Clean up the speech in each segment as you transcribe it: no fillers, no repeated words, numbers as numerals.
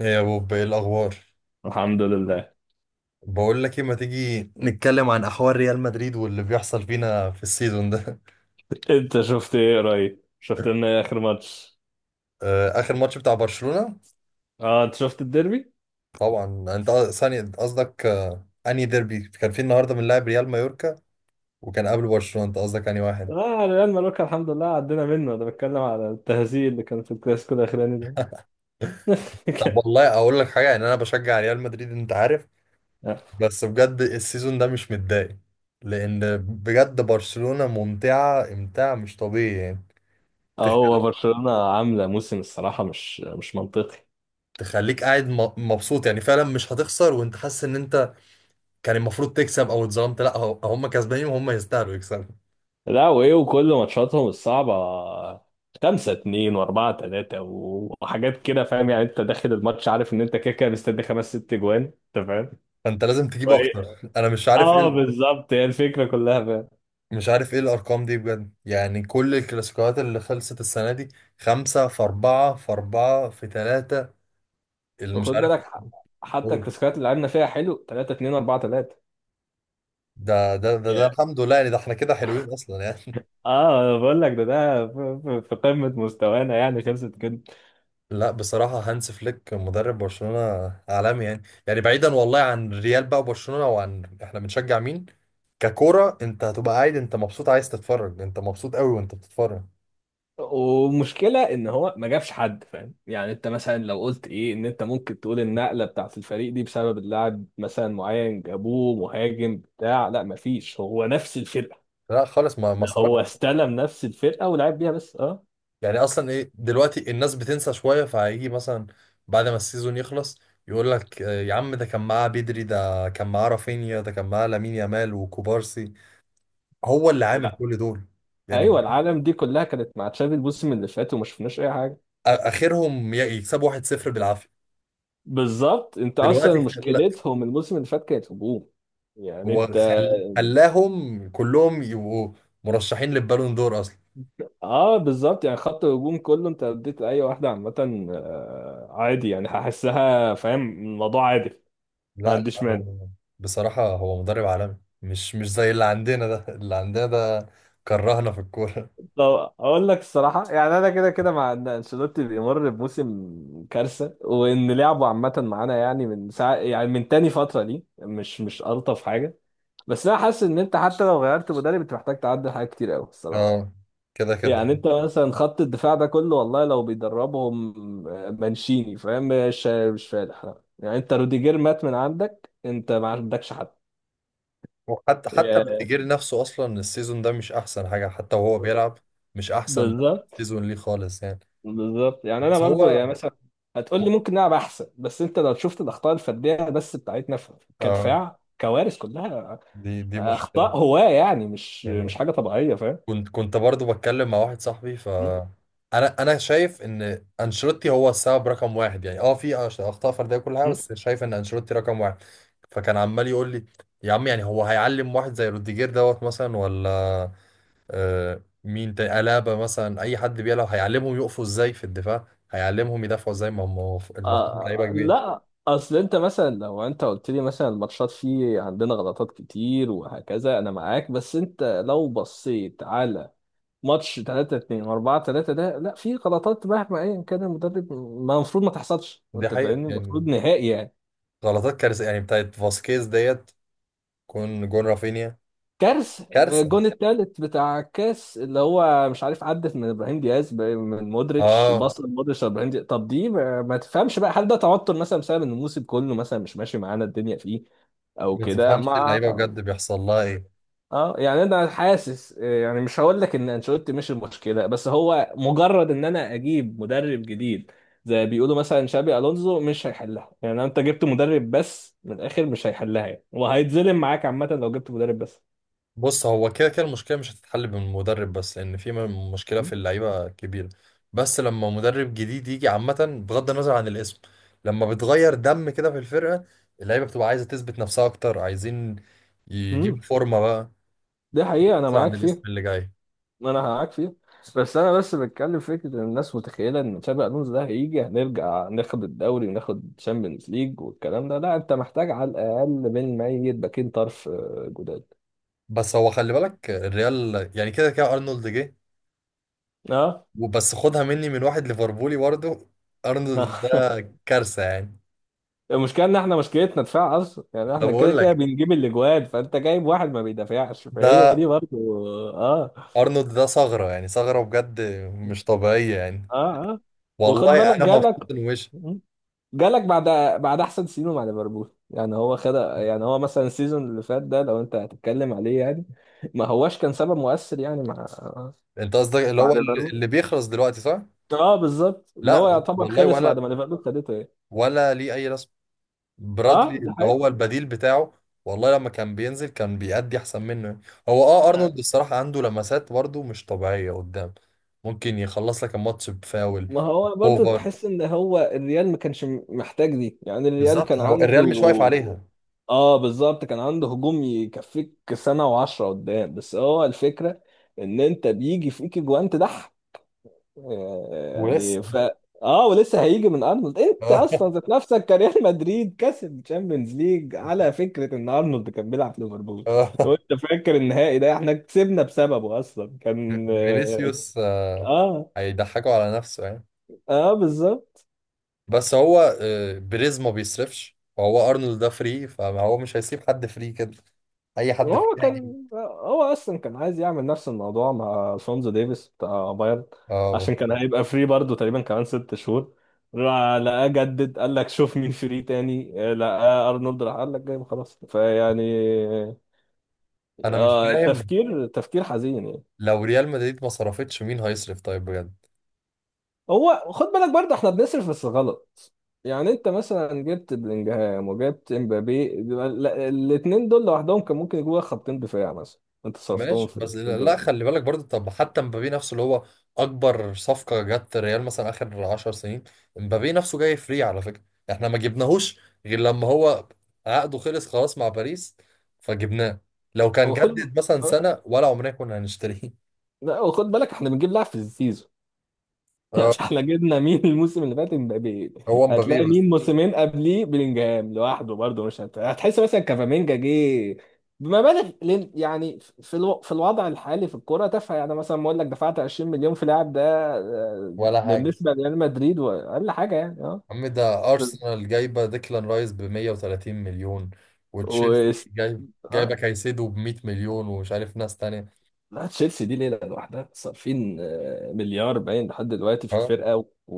ايه يا بوب؟ ايه الاخبار؟ الحمد لله. بقول لك ايه، ما تيجي نتكلم عن احوال ريال مدريد واللي بيحصل فينا في السيزون ده؟ انت شفت ايه قريب؟ شفت لنا ايه اخر ماتش؟ آه، اخر ماتش بتاع برشلونة. اه، انت شفت الديربي؟ طبعا، ثاني قصدك آه، انهي ديربي كان في النهارده؟ من لاعب ريال مايوركا، وكان قبل برشلونة. انت قصدك انهي واحد؟ اه، ريال ماروكا الحمد لله عدينا منه. انا بتكلم على التهزيء اللي كان في الكلاسيكو الاخراني ده. طب والله اقول لك حاجه، يعني انا بشجع ريال مدريد انت عارف، بس بجد السيزون ده مش متضايق، لان بجد برشلونة ممتعه امتاع مش طبيعي يعني. اه، هو تخ- برشلونة عاملة موسم الصراحة مش منطقي. تخليك قاعد مبسوط يعني. فعلا مش هتخسر وانت حاسس ان انت كان المفروض تكسب او اتظلمت. لا، هم كسبانين وهم يستاهلوا يكسبوا. لا وايه، وكل ماتشاتهم الصعبة خمسة اتنين واربعة تلاتة وحاجات كده، فاهم يعني؟ انت داخل الماتش عارف ان انت كده كده مستني خمس ست جوان، انت فاهم؟ فانت لازم تجيب اكتر. وإيه- انا مش عارف ايه اه، بالظبط هي الفكرة كلها. مش عارف ايه الارقام دي بجد يعني. كل الكلاسيكوات اللي خلصت السنه دي، خمسة في أربعة في أربعة في ثلاثة، اللي مش وخد عارف بالك، حتى أقول. الكلاسيكيات اللي لعبنا فيها حلو 3-2 4-3. ده الحمد لله يعني. ده احنا كده حلوين اصلا يعني. اه، انا بقول لك ده في في قمة مستوانا يعني، خلصت كده. لا بصراحة هانس فليك مدرب برشلونة عالمي يعني. يعني بعيدا والله عن ريال بقى وبرشلونة، وعن احنا بنشجع مين، ككورة انت هتبقى قاعد انت مبسوط، عايز تتفرج، انت مبسوط قوي وانت بتتفرج. ومشكلة ان هو ما جابش حد، فاهم يعني؟ انت مثلا لو قلت ايه ان انت ممكن تقول النقلة بتاعت الفريق دي بسبب اللاعب مثلا معين جابوه مهاجم بتاع، لا، مفيش، هو نفس الفرقة. لا خالص، ما ده هو صرفش استلم نفس الفرقة ولعب بيها بس. اه، يعني. اصلا ايه دلوقتي؟ الناس بتنسى شويه، فهيجي مثلا بعد ما السيزون يخلص يقول لك آه، يا عم ده كان معاه بدري، ده كان معاه رافينيا، ده كان معاه لامين يامال وكوبارسي. هو اللي عامل لا، كل دول يعني. ايوه، العالم دي كلها كانت مع تشافي الموسم اللي فات وما شفناش اي حاجة. اخرهم يكسبوا 1-0 بالعافيه. بالظبط، انت دلوقتي اصلا خل... مشكلتهم الموسم اللي فات كانت هجوم، يعني هو انت. خل... خلاهم كلهم يبقوا مرشحين للبالون دور اصلا. اه بالظبط، يعني خط الهجوم كله، انت لو اديت اي واحده عامه عادي يعني، هحسها، فاهم الموضوع عادي، ما لا، عنديش مانع. هو بصراحه هو مدرب عالمي. مش زي اللي عندنا ده. اللي عندنا ده كرهنا في الكوره. طب اقول لك الصراحه، يعني انا كده كده مع ان انشيلوتي بيمر بموسم كارثه وان لعبه عامه معانا يعني من ساعه، يعني من تاني فتره دي مش الطف حاجه. بس انا حاسس ان انت حتى لو غيرت مدرب، انت محتاج تعدل حاجات كتير قوي الصراحه. اه، كده كده. يعني انت مثلا خط الدفاع ده كله، والله لو بيدربهم مانشيني، فاهم، مش فالح، لا. يعني انت روديجير مات من عندك، انت ما عندكش حد. وحتى حتى يا- بتجيري نفسه اصلا السيزون ده مش احسن حاجه، حتى وهو بيلعب مش احسن بالظبط. سيزون ليه خالص يعني. بالظبط، يعني انا بس برضو هو يعني مثلا هتقول لي ممكن نلعب احسن، بس انت لو شفت الاخطاء الفرديه بس بتاعتنا اه، كدفاع كوارث كلها. دي مشكله اخطاء هواه يعني، مش يعني. حاجه طبيعيه، كنت برضو بتكلم مع واحد صاحبي، ف فاهم. انا شايف ان انشيلوتي هو السبب رقم واحد يعني. اه، في اخطاء فرديه كل حاجه، بس شايف ان انشيلوتي رقم واحد. فكان عمال يقول لي يا عم، يعني هو هيعلم واحد زي روديجير دوت مثلا، ولا آه، مين تاني، ألابا مثلا، أي حد بيلعب هيعلمهم يقفوا إزاي في الدفاع، هيعلمهم يدافعوا إزاي؟ ما هم المفروض لعيبة كبيرة. لا، اصل انت مثلا لو انت قلت لي مثلا الماتشات فيه عندنا غلطات كتير وهكذا انا معاك، بس انت لو بصيت على ماتش 3-2 4-3 ده، لا، في غلطات مهما ايا كان المدرب ما المفروض ما تحصلش، دي انت حقيقة فاهمني؟ المفروض يعني. نهائي يعني. غلطات كارثة يعني بتاعت فاسكيز ديت كون جون رافينيا كارثه. كارثة. الجون التالت بتاع الكاس اللي هو مش عارف عدت من ابراهيم دياز من مودريتش، اه، بص مودريتش ابراهيم دياز، طب دي ما تفهمش بقى، هل ده توتر مثلا بسبب ان الموسم كله مثلا مش ماشي معانا الدنيا فيه او ما كده تفهمش مع. اللعيبة بجد بيحصل لها إيه. اه، يعني انا حاسس يعني مش هقول لك ان انشيلوتي مش المشكله، بس هو مجرد ان انا اجيب مدرب جديد زي ما بيقولوا مثلا شابي الونزو مش هيحلها، يعني انت جبت مدرب بس، من الاخر مش هيحلها يعني، وهيتظلم معاك عامه لو جبت مدرب بس. بص، هو كده كده المشكلة مش هتتحل بالمدرب بس، لأن في مشكلة في اللعيبة كبيرة. بس لما مدرب جديد يجي عامة، بغض النظر عن الاسم، لما بتغير دم كده في الفرقة، اللعيبة بتبقى عايزة تثبت نفسها أكتر، عايزين يجيبوا امم فورمة بقى، دي حقيقه انا بغض عن معاك الاسم فيها. اللي جاي. ما انا معاك فيه. بس انا بس بتكلم فكره ان الناس متخيله ان تشابي الونسو ده هيجي، هنرجع ناخد الدوري وناخد تشامبيونز ليج والكلام ده، لا، انت محتاج على الاقل من ميت باكين طرف جداد. بس هو خلي بالك الريال يعني كده كده أرنولد جه، اه. وبس خدها مني من واحد ليفربولي برضه، آه. أرنولد ده كارثة يعني. المشكله ان احنا مشكلتنا دفاع اصلا، يعني أنا احنا بقول كده كده لك بنجيب الاجوان، فانت جايب واحد ما بيدافعش، فهي ده، دي برضه. اه، أرنولد ده ثغرة يعني، ثغرة بجد، مش طبيعية يعني. اه، اه، وخد والله بالك انا جالك. مبسوط ان وش مم. جالك بعد، بعد احسن سيزون مع ليفربول، يعني هو خد، يعني هو مثلا السيزون اللي فات ده لو انت هتتكلم عليه يعني، ما هواش كان سبب مؤثر يعني مع، انت قصدك اللي مع هو اللي ليفربول. اللي بيخلص دلوقتي، صح؟ اه بالظبط، اللي هو لا يعتبر والله، خلص بعد ولا ما ليفربول خدته ايه. ولا ليه اي رسم. اه، برادلي ده اللي حقيقي. هو البديل بتاعه، والله لما كان بينزل كان بيأدي احسن منه. هو اه، ارنولد الصراحه عنده لمسات برضه مش طبيعيه قدام، ممكن يخلص لك الماتش بفاول. ما هو برضو اوفر، تحس ان هو الريال ما كانش محتاج دي، يعني الريال بالظبط كان هو عنده. الريال مش واقف عليها. اه بالظبط، كان عنده هجوم يكفيك سنة وعشرة قدام، بس هو الفكرة ان انت بيجي فيك جوان تضحك يعني، ولسه. ف اه، ولسه هيجي من ارنولد، انت آه، اصلا ذات نفسك كريال مدريد كسب تشامبيونز ليج على فكرة ان ارنولد كان بيلعب في ليفربول، لو آه. انت فاكر النهائي ده احنا كسبنا بسببه اصلا، كان اه، فينيسيوس آه، اه، هيضحكوا على نفسه يعني. آه، بالظبط. بس هو آه، بريز ما بيصرفش، وهو ارنولد ده فري، فهو مش هيسيب حد فري كده. اي حد فري وهو هيجيبه. كان، هو اصلا كان عايز يعمل نفس الموضوع مع شونزو ديفيس بتاع بايرن، اه عشان بس كان هيبقى فري برضه تقريبا كمان ست شهور، راح لقاه جدد، قال لك شوف مين فري تاني، لقاه ارنولد، راح قال لك جايبه خلاص، فيعني انا مش آه، فاهم، تفكير تفكير حزين يعني. لو ريال مدريد ما صرفتش مين هيصرف طيب بجد؟ هو خد بالك، برضه احنا بنصرف بس غلط، يعني انت مثلا جبت بلينجهام وجبت امبابي، الاثنين دول لوحدهم كان ممكن يجوا خطين دفاع مثلا، انت صرفتهم ماشي في بس الاتنين لا، دول. خلي بالك برضو، طب حتى مبابي نفسه اللي هو اكبر صفقة جت ريال مثلا اخر 10 سنين، مبابي نفسه جاي فري على فكرة. احنا ما جبناهوش غير لما هو عقده خلص خلاص مع باريس، فجبناه. لو كان وخد جدد مثلا سنة ولا، عمرنا كنا هنشتريه. لا، وخد بالك احنا بنجيب لاعب في السيزون. يعني اه، احنا جبنا مين الموسم اللي فات؟ امبابي. هو مبابي هتلاقي بس، مين موسمين قبليه؟ بلينجهام لوحده برضه، مش هتحس، مثلا كافامينجا جه بمبالغ يعني في في الوضع الحالي في الكوره تافهه يعني، مثلا بقول لك دفعت 20 مليون في لاعب ده آه، ولا حاجة. بالنسبه لريال مدريد واقل حاجه يعني. اه، يا عم ده أرسنال جايبة ديكلان رايس ب 130 مليون، وتشيلسي و... جايبة اه، كايسيدو ب 100 مليون، ومش عارف ناس تانية. لا، تشيلسي دي ليله لوحدها صارفين مليار باين لحد دلوقتي في ها، الفرقه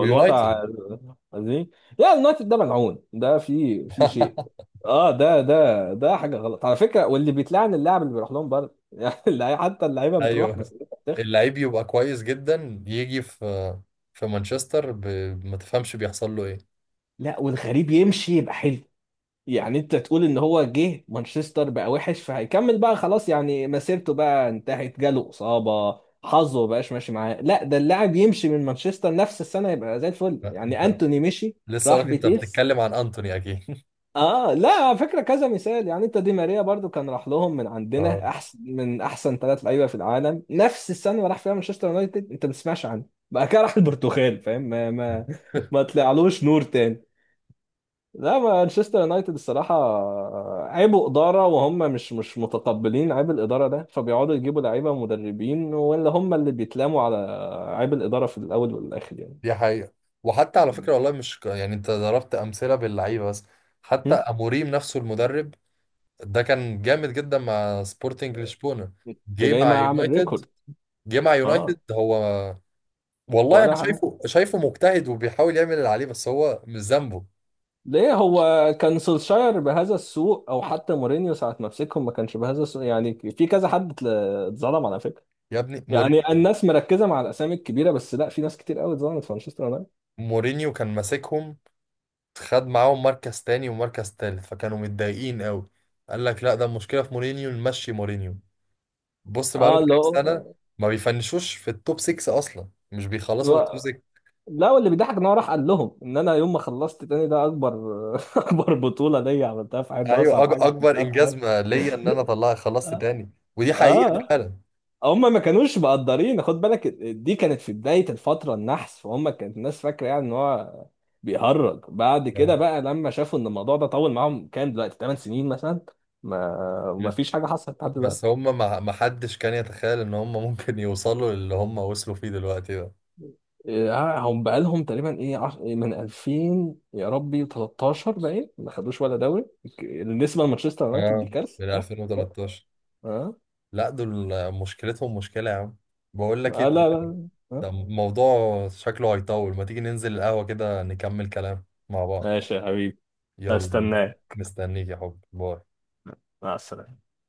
ويونايتد. والوضع دي. لا، اليونايتد ده ملعون، ده في في شيء. اه، ده حاجه غلط على فكره، واللي بيتلعن اللاعب اللي بيروح لهم برضه. يعني حتى اللعيبه بتروح أيوه، مسيرتها بتخ. اللعيب يبقى كويس جدا يجي في في مانشستر ب... ما تفهمش بيحصل له إيه. لا، والغريب يمشي يبقى حلو، يعني انت تقول ان هو جه مانشستر بقى وحش فهيكمل بقى خلاص يعني مسيرته بقى انتهت، جاله اصابه، حظه ما بقاش ماشي معاه، لا، ده اللاعب يمشي من مانشستر نفس السنه يبقى زي الفل. يعني أنت انتوني مشي، لسه راح عارف أنت بيتيس. بتتكلم عن أنتوني أكيد. اه، لا، على فكره كذا مثال، يعني انت دي ماريا برضو كان راح لهم من اه، عندنا احسن من احسن ثلاث لعيبه في العالم، نفس السنه اللي راح فيها مانشستر يونايتد انت ما بتسمعش عنه، بقى كده راح البرتغال، فاهم، ما طلعلوش نور تاني. لا، مانشستر يونايتد الصراحة عيبوا إدارة، وهم مش متقبلين عيب الإدارة ده، فبيقعدوا يجيبوا لعيبة ومدربين، ولا هم اللي بيتلاموا على عيب الإدارة في الأول والآخر يعني. دي حقيقة. وحتى على م? فكرة، والله مش يعني انت ضربت أمثلة باللعيبة بس، حتى أموريم نفسه المدرب ده كان جامد جدا مع سبورتنج لشبونه. أنت جه جاي مع اه ما أعمل يونايتد ريكورد. جه مع أه، يونايتد هو. والله انا ولا حاجة. شايفه شايفه مجتهد وبيحاول يعمل اللي عليه، بس هو مش ذنبه. ليه هو كان سولشاير بهذا السوء؟ أو حتى مورينيو ساعة ما مسكهم ما كانش بهذا السوء. يعني في كذا حد اتظلم على فكرة، يا ابني يعني مورينيو، الناس مركزة مع الأسامي الكبيرة بس، لا، في ناس كتير قوي اتظلمت في مانشستر يونايتد. مورينيو كان ماسكهم، خد معاهم مركز تاني ومركز تالت، فكانوا متضايقين قوي. قال لك لا، ده المشكله في مورينيو، نمشي مورينيو. بص بقالهم اه، اللي كام هو، سنه ما بيفنشوش في التوب 6 اصلا، مش بيخلصوا في التوب 6. لا، واللي بيضحك ان هو راح قال لهم ان انا يوم ما خلصت تاني ده اكبر، اكبر بطوله ليا عملتها في حياتي، ده ايوه، اصعب حاجه اكبر عملتها في انجاز حياتي. ما ليا ان انا طلع خلصت اه، تاني، ودي حقيقه آه. فعلا. هم ما كانوش مقدرين، خد بالك دي كانت في بدايه الفتره النحس، فهم كانت الناس فاكره يعني ان هو بيهرج، بعد اه، كده بقى لما شافوا ان الموضوع ده طول معاهم، كام دلوقتي، 8 سنين مثلا، ما ما فيش حاجه حصلت لحد بس دلوقتي. هم ما حدش كان يتخيل ان هم ممكن يوصلوا للي هم وصلوا فيه دلوقتي ده. آه، هم بقالهم تقريبا ايه، إيه، من 2000 يا ربي 13، باين ما خدوش ولا دوري. النسبه لمانشستر يونايتد دي اه، كارثه. من اه، اه، 2013. لا دول مشكلتهم مشكلة يا عم. بقول لك آه، ايه، لا لا، آه. ده موضوع شكله هيطول. ما تيجي ننزل القهوة كده نكمل كلام مع بعض؟ ماشي يا حبيبي. يلا، هستناك. مستنيك يا حب، باي. مع السلامه.